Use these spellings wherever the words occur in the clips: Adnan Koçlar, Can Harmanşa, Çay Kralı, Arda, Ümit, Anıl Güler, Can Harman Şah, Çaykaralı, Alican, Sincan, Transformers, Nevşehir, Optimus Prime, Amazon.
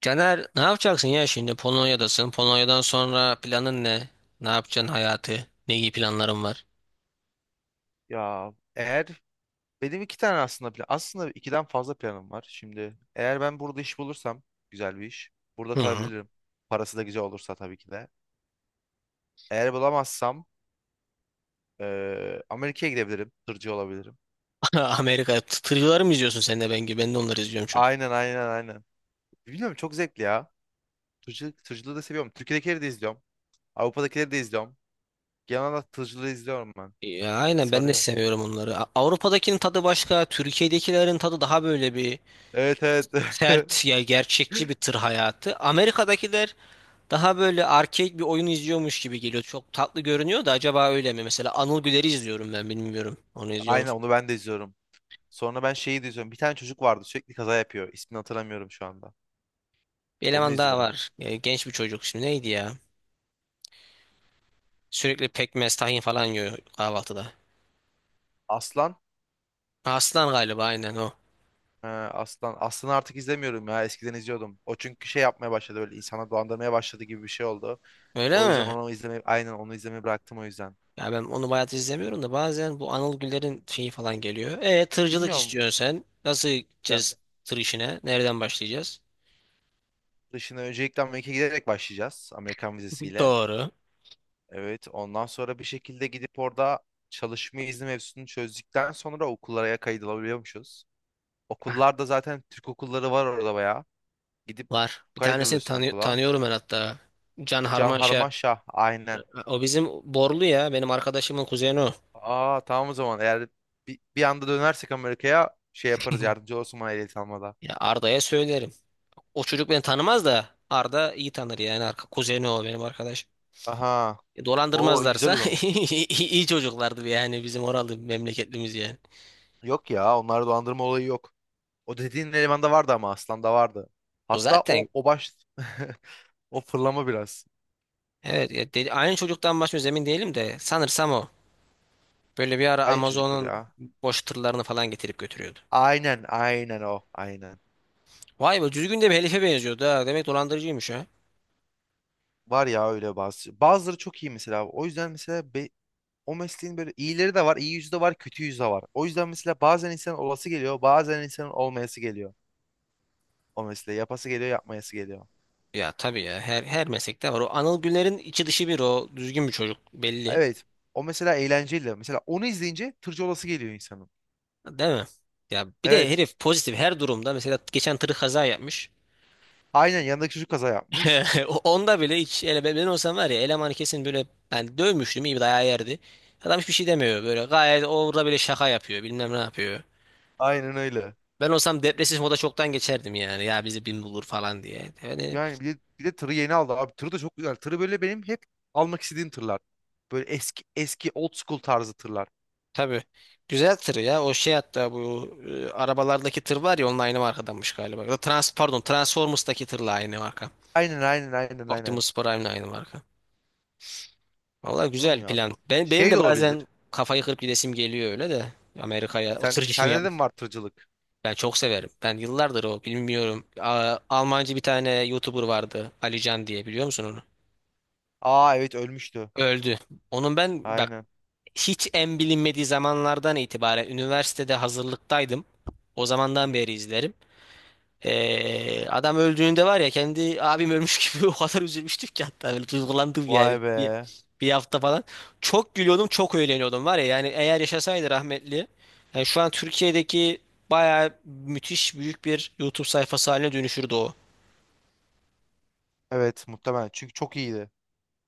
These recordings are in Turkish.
Caner ne yapacaksın ya şimdi Polonya'dasın? Polonya'dan sonra planın ne? Ne yapacaksın hayatı? Ne gibi planların var? Ya eğer benim iki tane aslında plan, aslında ikiden fazla planım var. Şimdi eğer ben burada iş bulursam güzel bir iş, burada Hı. kalabilirim. Parası da güzel olursa tabii ki de. Eğer bulamazsam Amerika'ya gidebilirim, tırcı olabilirim. Amerika tırcıları mı izliyorsun sen de ben gibi? Ben de onları izliyorum çok. Aynen, aynen, aynen. Bilmiyorum, çok zevkli ya. Tırcılık, tırcılığı da seviyorum. Türkiye'dekileri de izliyorum. Avrupa'dakileri de izliyorum. Genel olarak tırcılığı izliyorum ben. Ya, aynen ben de Sarıyor. seviyorum onları. Avrupa'dakinin tadı başka. Türkiye'dekilerin tadı daha böyle bir Evet, evet. sert, ya gerçekçi bir tır hayatı. Amerika'dakiler daha böyle arcade bir oyun izliyormuş gibi geliyor. Çok tatlı görünüyor da acaba öyle mi? Mesela Anıl Güler'i izliyorum ben, bilmiyorum. Onu izliyor Aynen, musun? onu ben de izliyorum. Sonra ben şeyi de izliyorum. Bir tane çocuk vardı, sürekli kaza yapıyor. İsmini hatırlamıyorum şu anda. Bir Onu eleman daha izliyorum. var. Ya, genç bir çocuk. Şimdi neydi ya? Sürekli pekmez, tahin falan yiyor kahvaltıda. Aslan. Aslan galiba, aynen o. He, Aslan. Aslan'ı artık izlemiyorum ya. Eskiden izliyordum. O çünkü şey yapmaya başladı, böyle insana dolandırmaya başladı gibi bir şey oldu. O Öyle yüzden mi? onu izlemeyi, bıraktım o yüzden. Ya ben onu bayat izlemiyorum da bazen bu Anıl Güller'in şeyi falan geliyor. E tırcılık Bilmiyorum. istiyorsun sen. Nasıl Yani gideceğiz tır işine? Nereden başlayacağız? dışına öncelikle Amerika'ya giderek başlayacağız. Amerikan vizesiyle. Doğru. Evet. Ondan sonra bir şekilde gidip orada çalışma izni mevzusunu çözdükten sonra okullara kaydolabiliyormuşuz. Okullarda zaten Türk okulları var orada bayağı. Gidip Var. Bir tanesini kaydoluyorsun okula. Tanıyorum ben hatta. Can Can Harmanşa. Harman Şah, aynen. O bizim Borlu ya. Benim arkadaşımın kuzeni o. Aa tamam, o zaman eğer bir anda dönersek Amerika'ya şey yaparız, yardımcı olsun bana ehliyet almada. Ya Arda'ya söylerim. O çocuk beni tanımaz da Arda iyi tanır yani. Arka kuzeni o benim arkadaş. Aha. E, Oo güzel dolandırmazlarsa o zaman. iyi çocuklardı yani, bizim oralı memleketlimiz yani. Yok ya, onlarda dolandırma olayı yok. O dediğin elemanda vardı ama Aslan'da vardı. O Hatta o zaten, o baş o fırlama biraz. evet ya dedi, aynı çocuktan başlıyoruz, emin değilim de sanırsam o. Böyle bir ara Aynı çocuktur Amazon'un ya. boş tırlarını falan getirip götürüyordu. Aynen, aynen o, aynen. Vay be, düzgün de bir helife benziyordu ha. Demek dolandırıcıymış ha. Var ya öyle bazı. Bazıları çok iyi mesela. O yüzden mesela o mesleğin böyle iyileri de var, iyi yüzü de var, kötü yüzü de var. O yüzden mesela bazen insanın olası geliyor, bazen insanın olmayası geliyor. O mesleği yapası geliyor, yapmayası geliyor. Ya tabii ya, her meslekte var. O Anıl Güler'in içi dışı bir, o düzgün bir çocuk belli. Evet. O mesela eğlenceli. Mesela onu izleyince tırcı olası geliyor insanın. Değil mi? Ya bir de Evet. herif pozitif her durumda. Mesela geçen tır kaza yapmış. Aynen, yanındaki çocuk kaza yapmış. Onda bile hiç ele, ben olsam var ya elemanı kesin böyle ben dövmüştüm, iyi bir dayağı yerdi. Adam hiçbir şey demiyor, böyle gayet orada bile şaka yapıyor bilmem ne yapıyor. Aynen öyle. Ben olsam depresif moda çoktan geçerdim yani, ya bizi bin bulur falan diye. Yani Yani bir de tırı yeni aldı abi. Tırı da çok güzel. Tırı böyle benim hep almak istediğim tırlar. Böyle eski eski old school tarzı tırlar. tabii güzel tır ya, o şey hatta bu arabalardaki tır var ya, onun aynı markadanmış galiba. Ya da Trans, pardon Transformers'taki tırla aynı marka. Aynen, aynen, aynen, aynen. Optimus Prime'le aynı marka. Valla Oğlum güzel ya. plan. Ben, benim Şey de de olabilir. bazen kafayı kırıp gidesim geliyor öyle de Amerika'ya o Sen tır işini. sende de mi var tırcılık? Ben çok severim. Ben yıllardır o, bilmiyorum. Almancı bir tane YouTuber vardı. Alican diye, biliyor musun onu? Aa evet, ölmüştü. Öldü. Onun ben bak Aynen. hiç en bilinmediği zamanlardan itibaren üniversitede hazırlıktaydım. O Hı zamandan hı. beri izlerim. Adam öldüğünde var ya kendi abim ölmüş gibi o kadar üzülmüştük ki, hatta böyle duygulandım yani Vay bir, be. bir hafta falan. Çok gülüyordum, çok eğleniyordum var ya, yani eğer yaşasaydı rahmetli. Yani şu an Türkiye'deki bayağı müthiş büyük bir YouTube sayfası haline dönüşürdü o. Evet, muhtemelen. Çünkü çok iyiydi.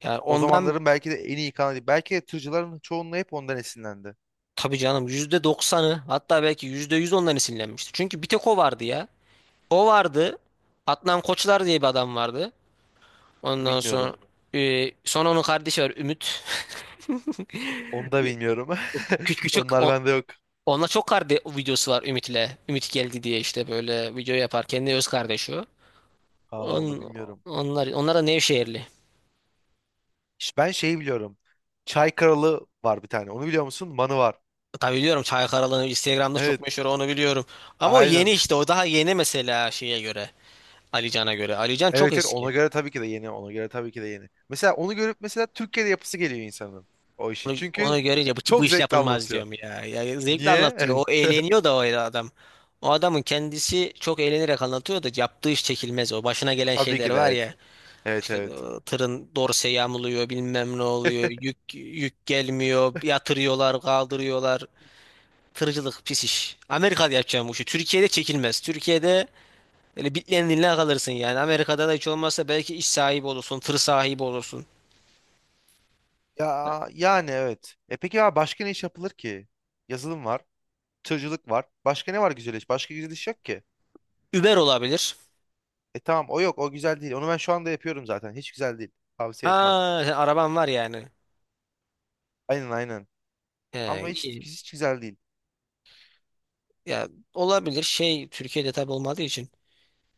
Yani O ondan zamanların belki de en iyi kanalı. Belki de tırcıların çoğunluğu hep ondan esinlendi. tabii canım, yüzde doksanı, hatta belki %100 ondan esinlenmişti. Çünkü bir tek o vardı ya. O vardı. Adnan Koçlar diye bir adam vardı. Ondan sonra Bilmiyorum. Sonra onun kardeşi var, Ümit. Onu da bilmiyorum. Küçük küçük Onlar bende yok. onunla çok kardeş videosu var Ümit'le. Ümit geldi diye işte böyle video yapar. Kendi öz kardeşi o. Aa, onu On, bilmiyorum. Onlar da Nevşehirli. İşte ben şeyi biliyorum. Çay Kralı var bir tane. Onu biliyor musun? Manı var. Tabii biliyorum, Çaykaralı Instagram'da çok Evet. meşhur, onu biliyorum. Ama o yeni, Aynen. işte o daha yeni mesela şeye göre. Alican'a göre. Alican çok Evet evet, ona eski. göre tabii ki de yeni. Ona göre tabii ki de yeni. Mesela onu görüp mesela Türkiye'de yapısı geliyor insanın. O işi. Çünkü Onu görünce bu çok iş zevkli yapılmaz anlatıyor. diyorum ya. Ya zevkle Niye? anlatıyor. O eğleniyor da o adam. O adamın kendisi çok eğlenerek anlatıyor da yaptığı iş çekilmez o. Başına gelen Tabii şeyler ki de, var evet. ya. Evet, İşte evet. Tırın dorse yamuluyor, bilmem ne oluyor. Yük gelmiyor. Yatırıyorlar, kaldırıyorlar. Tırcılık pis iş. Amerika'da yapacağım bu işi. Türkiye'de çekilmez. Türkiye'de böyle bitlerin diline kalırsın yani. Amerika'da da hiç olmazsa belki iş sahibi olursun, tır sahibi olursun. Ya yani evet. E peki ya başka ne iş yapılır ki? Yazılım var. Tırcılık var. Başka ne var güzel iş? Başka güzel iş yok ki. Uber olabilir. E tamam, o yok, o güzel değil. Onu ben şu anda yapıyorum zaten. Hiç güzel değil. Ha, Tavsiye etmem. sen araban var yani. Aynen, aynen. Ama He, hiç, iyi. hiç güzel değil. Ya olabilir. Şey Türkiye'de tabii olmadığı için.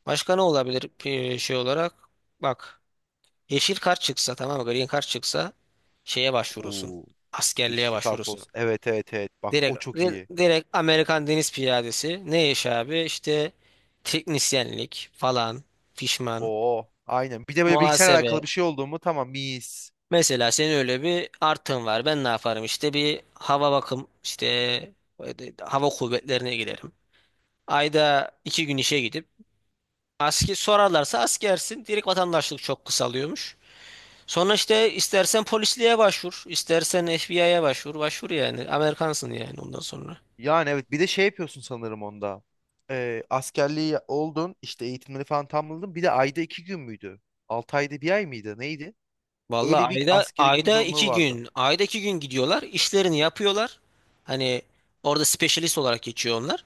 Başka ne olabilir, şey olarak? Bak. Yeşil kart çıksa, tamam mı? Green kart çıksa şeye başvurursun. Oo, Askerliğe yeşilli başvurursun. kartoz. Evet, evet, evet. Bak o Direkt çok iyi. direkt Amerikan Deniz Piyadesi. Ne iş abi? İşte teknisyenlik falan, fişman, Oo aynen. Bir de böyle bilgisayarla alakalı muhasebe. bir şey oldu mu tamam mis. Mesela senin öyle bir artın var. Ben ne yaparım? İşte bir hava bakım, işte hava kuvvetlerine giderim. Ayda iki gün işe gidip asker, sorarlarsa askersin. Direkt vatandaşlık çok kısalıyormuş. Sonra işte istersen polisliğe başvur, istersen FBI'ye başvur, başvur yani. Amerikansın yani ondan sonra. Yani evet, bir de şey yapıyorsun sanırım onda. Askerliği oldun işte, eğitimleri falan tamamladın. Bir de ayda iki gün müydü? Altı ayda bir ay mıydı? Neydi? Öyle Vallahi bir ayda askere gitme ayda zorunluluğu iki vardı. gün, ayda iki gün gidiyorlar, işlerini yapıyorlar. Hani orada specialist olarak geçiyor onlar.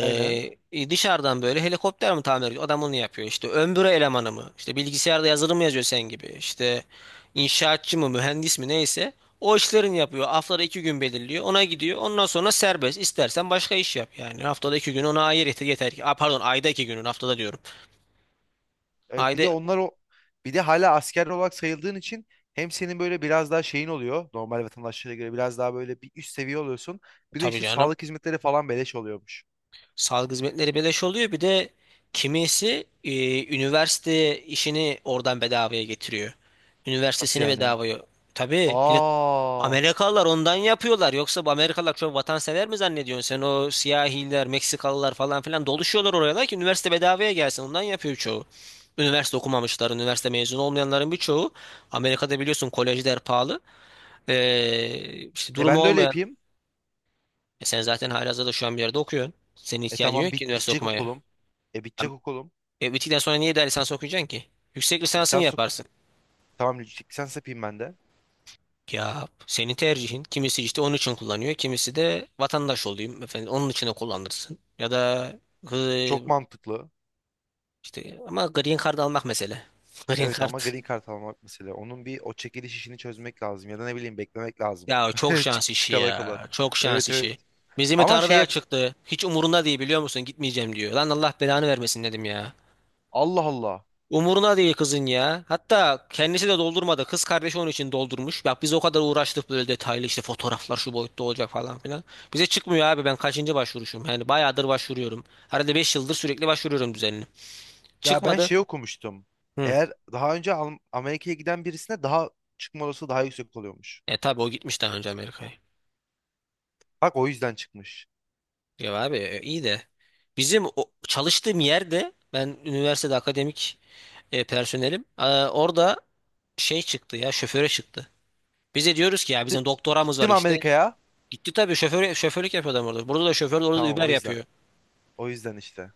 Aynen. Dışarıdan böyle helikopter mi tamir ediyor? Adam onu yapıyor. İşte ön büro elemanı mı? İşte bilgisayarda yazılım mı yazıyor sen gibi? İşte inşaatçı mı, mühendis mi, neyse. O işlerini yapıyor. Haftada iki gün belirliyor. Ona gidiyor. Ondan sonra serbest. İstersen başka iş yap. Yani haftada iki gün ona ayır yeter, yeter ki. Aa, pardon, ayda iki günün haftada diyorum. Evet, bir Ayda de onlar o, bir de hala asker olarak sayıldığın için hem senin böyle biraz daha şeyin oluyor, normal vatandaşlara göre biraz daha böyle bir üst seviye oluyorsun. Bir de tabii işte canım. sağlık hizmetleri falan beleş oluyormuş. Sağlık hizmetleri beleş oluyor. Bir de kimisi üniversite işini oradan bedavaya getiriyor. Nasıl Üniversitesini yani? bedavaya. Tabii millet, Aa, Amerikalılar ondan yapıyorlar. Yoksa bu Amerikalılar çok vatansever mi zannediyorsun? Sen o siyahiler, Meksikalılar falan filan doluşuyorlar oraya ki üniversite bedavaya gelsin. Ondan yapıyor çoğu. Üniversite okumamışlar, üniversite mezunu olmayanların birçoğu. Amerika'da biliyorsun kolejler pahalı. İşte e durumu ben de öyle olmayan. yapayım. E sen zaten halihazırda şu an bir yerde okuyorsun. Senin E ihtiyacın tamam, yok ki bit üniversite bitecek okumaya. okulum. E Ya, bitecek okulum. e, bittikten sonra niye daha lisans okuyacaksın ki? Yüksek lisansını Lisans ok- yaparsın. tamam, lisans yapayım ben de. Ya senin tercihin. Kimisi işte onun için kullanıyor. Kimisi de vatandaş olayım efendim onun için de kullanırsın. Ya da hı, Çok mantıklı. işte ama green card almak mesele. Green Evet, card. ama green card almak mesela. Onun bir o çekiliş işini çözmek lazım ya da ne bileyim beklemek lazım. Ya çok şans Çık işi çıkana kadar. ya. Çok şans Evet, evet. işi. Bizim Ama Tanrı şey da yap. çıktı. Hiç umurunda değil biliyor musun? Gitmeyeceğim diyor. Lan Allah belanı vermesin dedim ya. Allah Allah. Umuruna değil kızın ya. Hatta kendisi de doldurmadı. Kız kardeşi onun için doldurmuş. Bak biz o kadar uğraştık, böyle detaylı işte fotoğraflar şu boyutta olacak falan filan. Bize çıkmıyor abi, ben kaçıncı başvuruşum. Yani bayağıdır başvuruyorum. Herhalde 5 yıldır sürekli başvuruyorum düzenli. Ya ben Çıkmadı. şey okumuştum. Hı. Eğer daha önce Amerika'ya giden birisine daha çıkma olasılığı daha yüksek oluyormuş. E tabi o gitmiş daha önce Amerika'ya. Bak o yüzden çıkmış. Ya abi, e, iyi de. Bizim o, çalıştığım yerde ben üniversitede akademik personelim. Aa, orada şey çıktı ya, şoföre çıktı. Bize diyoruz ki ya Di- bizim doktoramız var Gittim işte. Amerika'ya. Gitti tabii, şoför, şoförlük yapıyor adam orada. Burada da şoför, orada da Tamam, Uber o yüzden. yapıyor. O yüzden işte.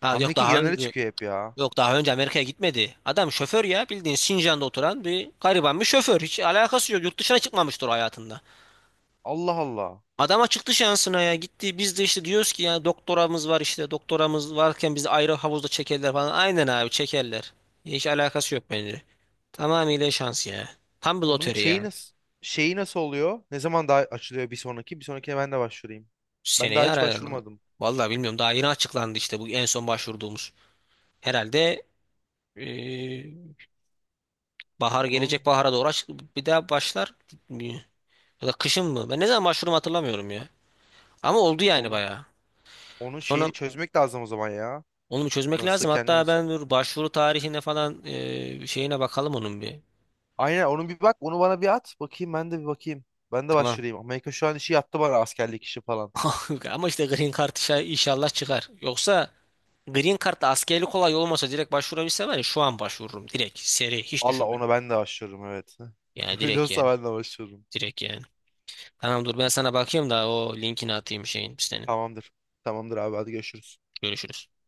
Ha yok, Amerika'ya daha gidenlere önce çıkıyor hep ya. yok daha önce Amerika'ya gitmedi. Adam şoför ya, bildiğin Sincan'da oturan bir gariban bir şoför. Hiç alakası yok. Yurt dışına çıkmamıştır o hayatında. Allah Allah. Adama çıktı şansına, ya gitti. Biz de işte diyoruz ki ya doktoramız var işte, doktoramız varken bizi ayrı havuzda çekerler falan. Aynen abi çekerler. Hiç alakası yok bence. Tamamıyla şans ya. Tam bir Onun loteri şeyi ya. nasıl, şeyi nasıl oluyor? Ne zaman daha açılıyor bir sonraki? Bir sonrakine ben de başvurayım. Ben daha Seneye hiç ara. başvurmadım. Vallahi bilmiyorum, daha yeni açıklandı işte bu en son başvurduğumuz. Herhalde bahar Onun gelecek, bahara doğru bir daha başlar. Ya da kışın mı? Ben ne zaman başvurumu hatırlamıyorum ya. Ama oldu yani onun bayağı. onun şeyini Sonra çözmek lazım o zaman ya. onu bir çözmek Nasıl lazım. Hatta kendimiz ben dur, başvuru tarihine falan şeyine bakalım onun bir. Aynen, onu bir bak, onu bana bir at bakayım, ben de bir bakayım. Ben de Tamam. başvurayım. Amerika şu an işi yattı bana, askerlik işi falan. Ama işte Green Card inşallah çıkar. Yoksa Green Card'da askerlik kolay olmasa direkt başvurabilsem var ya şu an başvururum. Direkt seri, hiç Allah, düşünmüyorum. ona ben de başvururum, evet. Yani Öyle direkt olsa yani. ben de başvururum. Direkt yani. Tamam dur ben sana bakayım da o linkini atayım şeyin senin. Tamamdır. Tamamdır abi, hadi görüşürüz. Görüşürüz.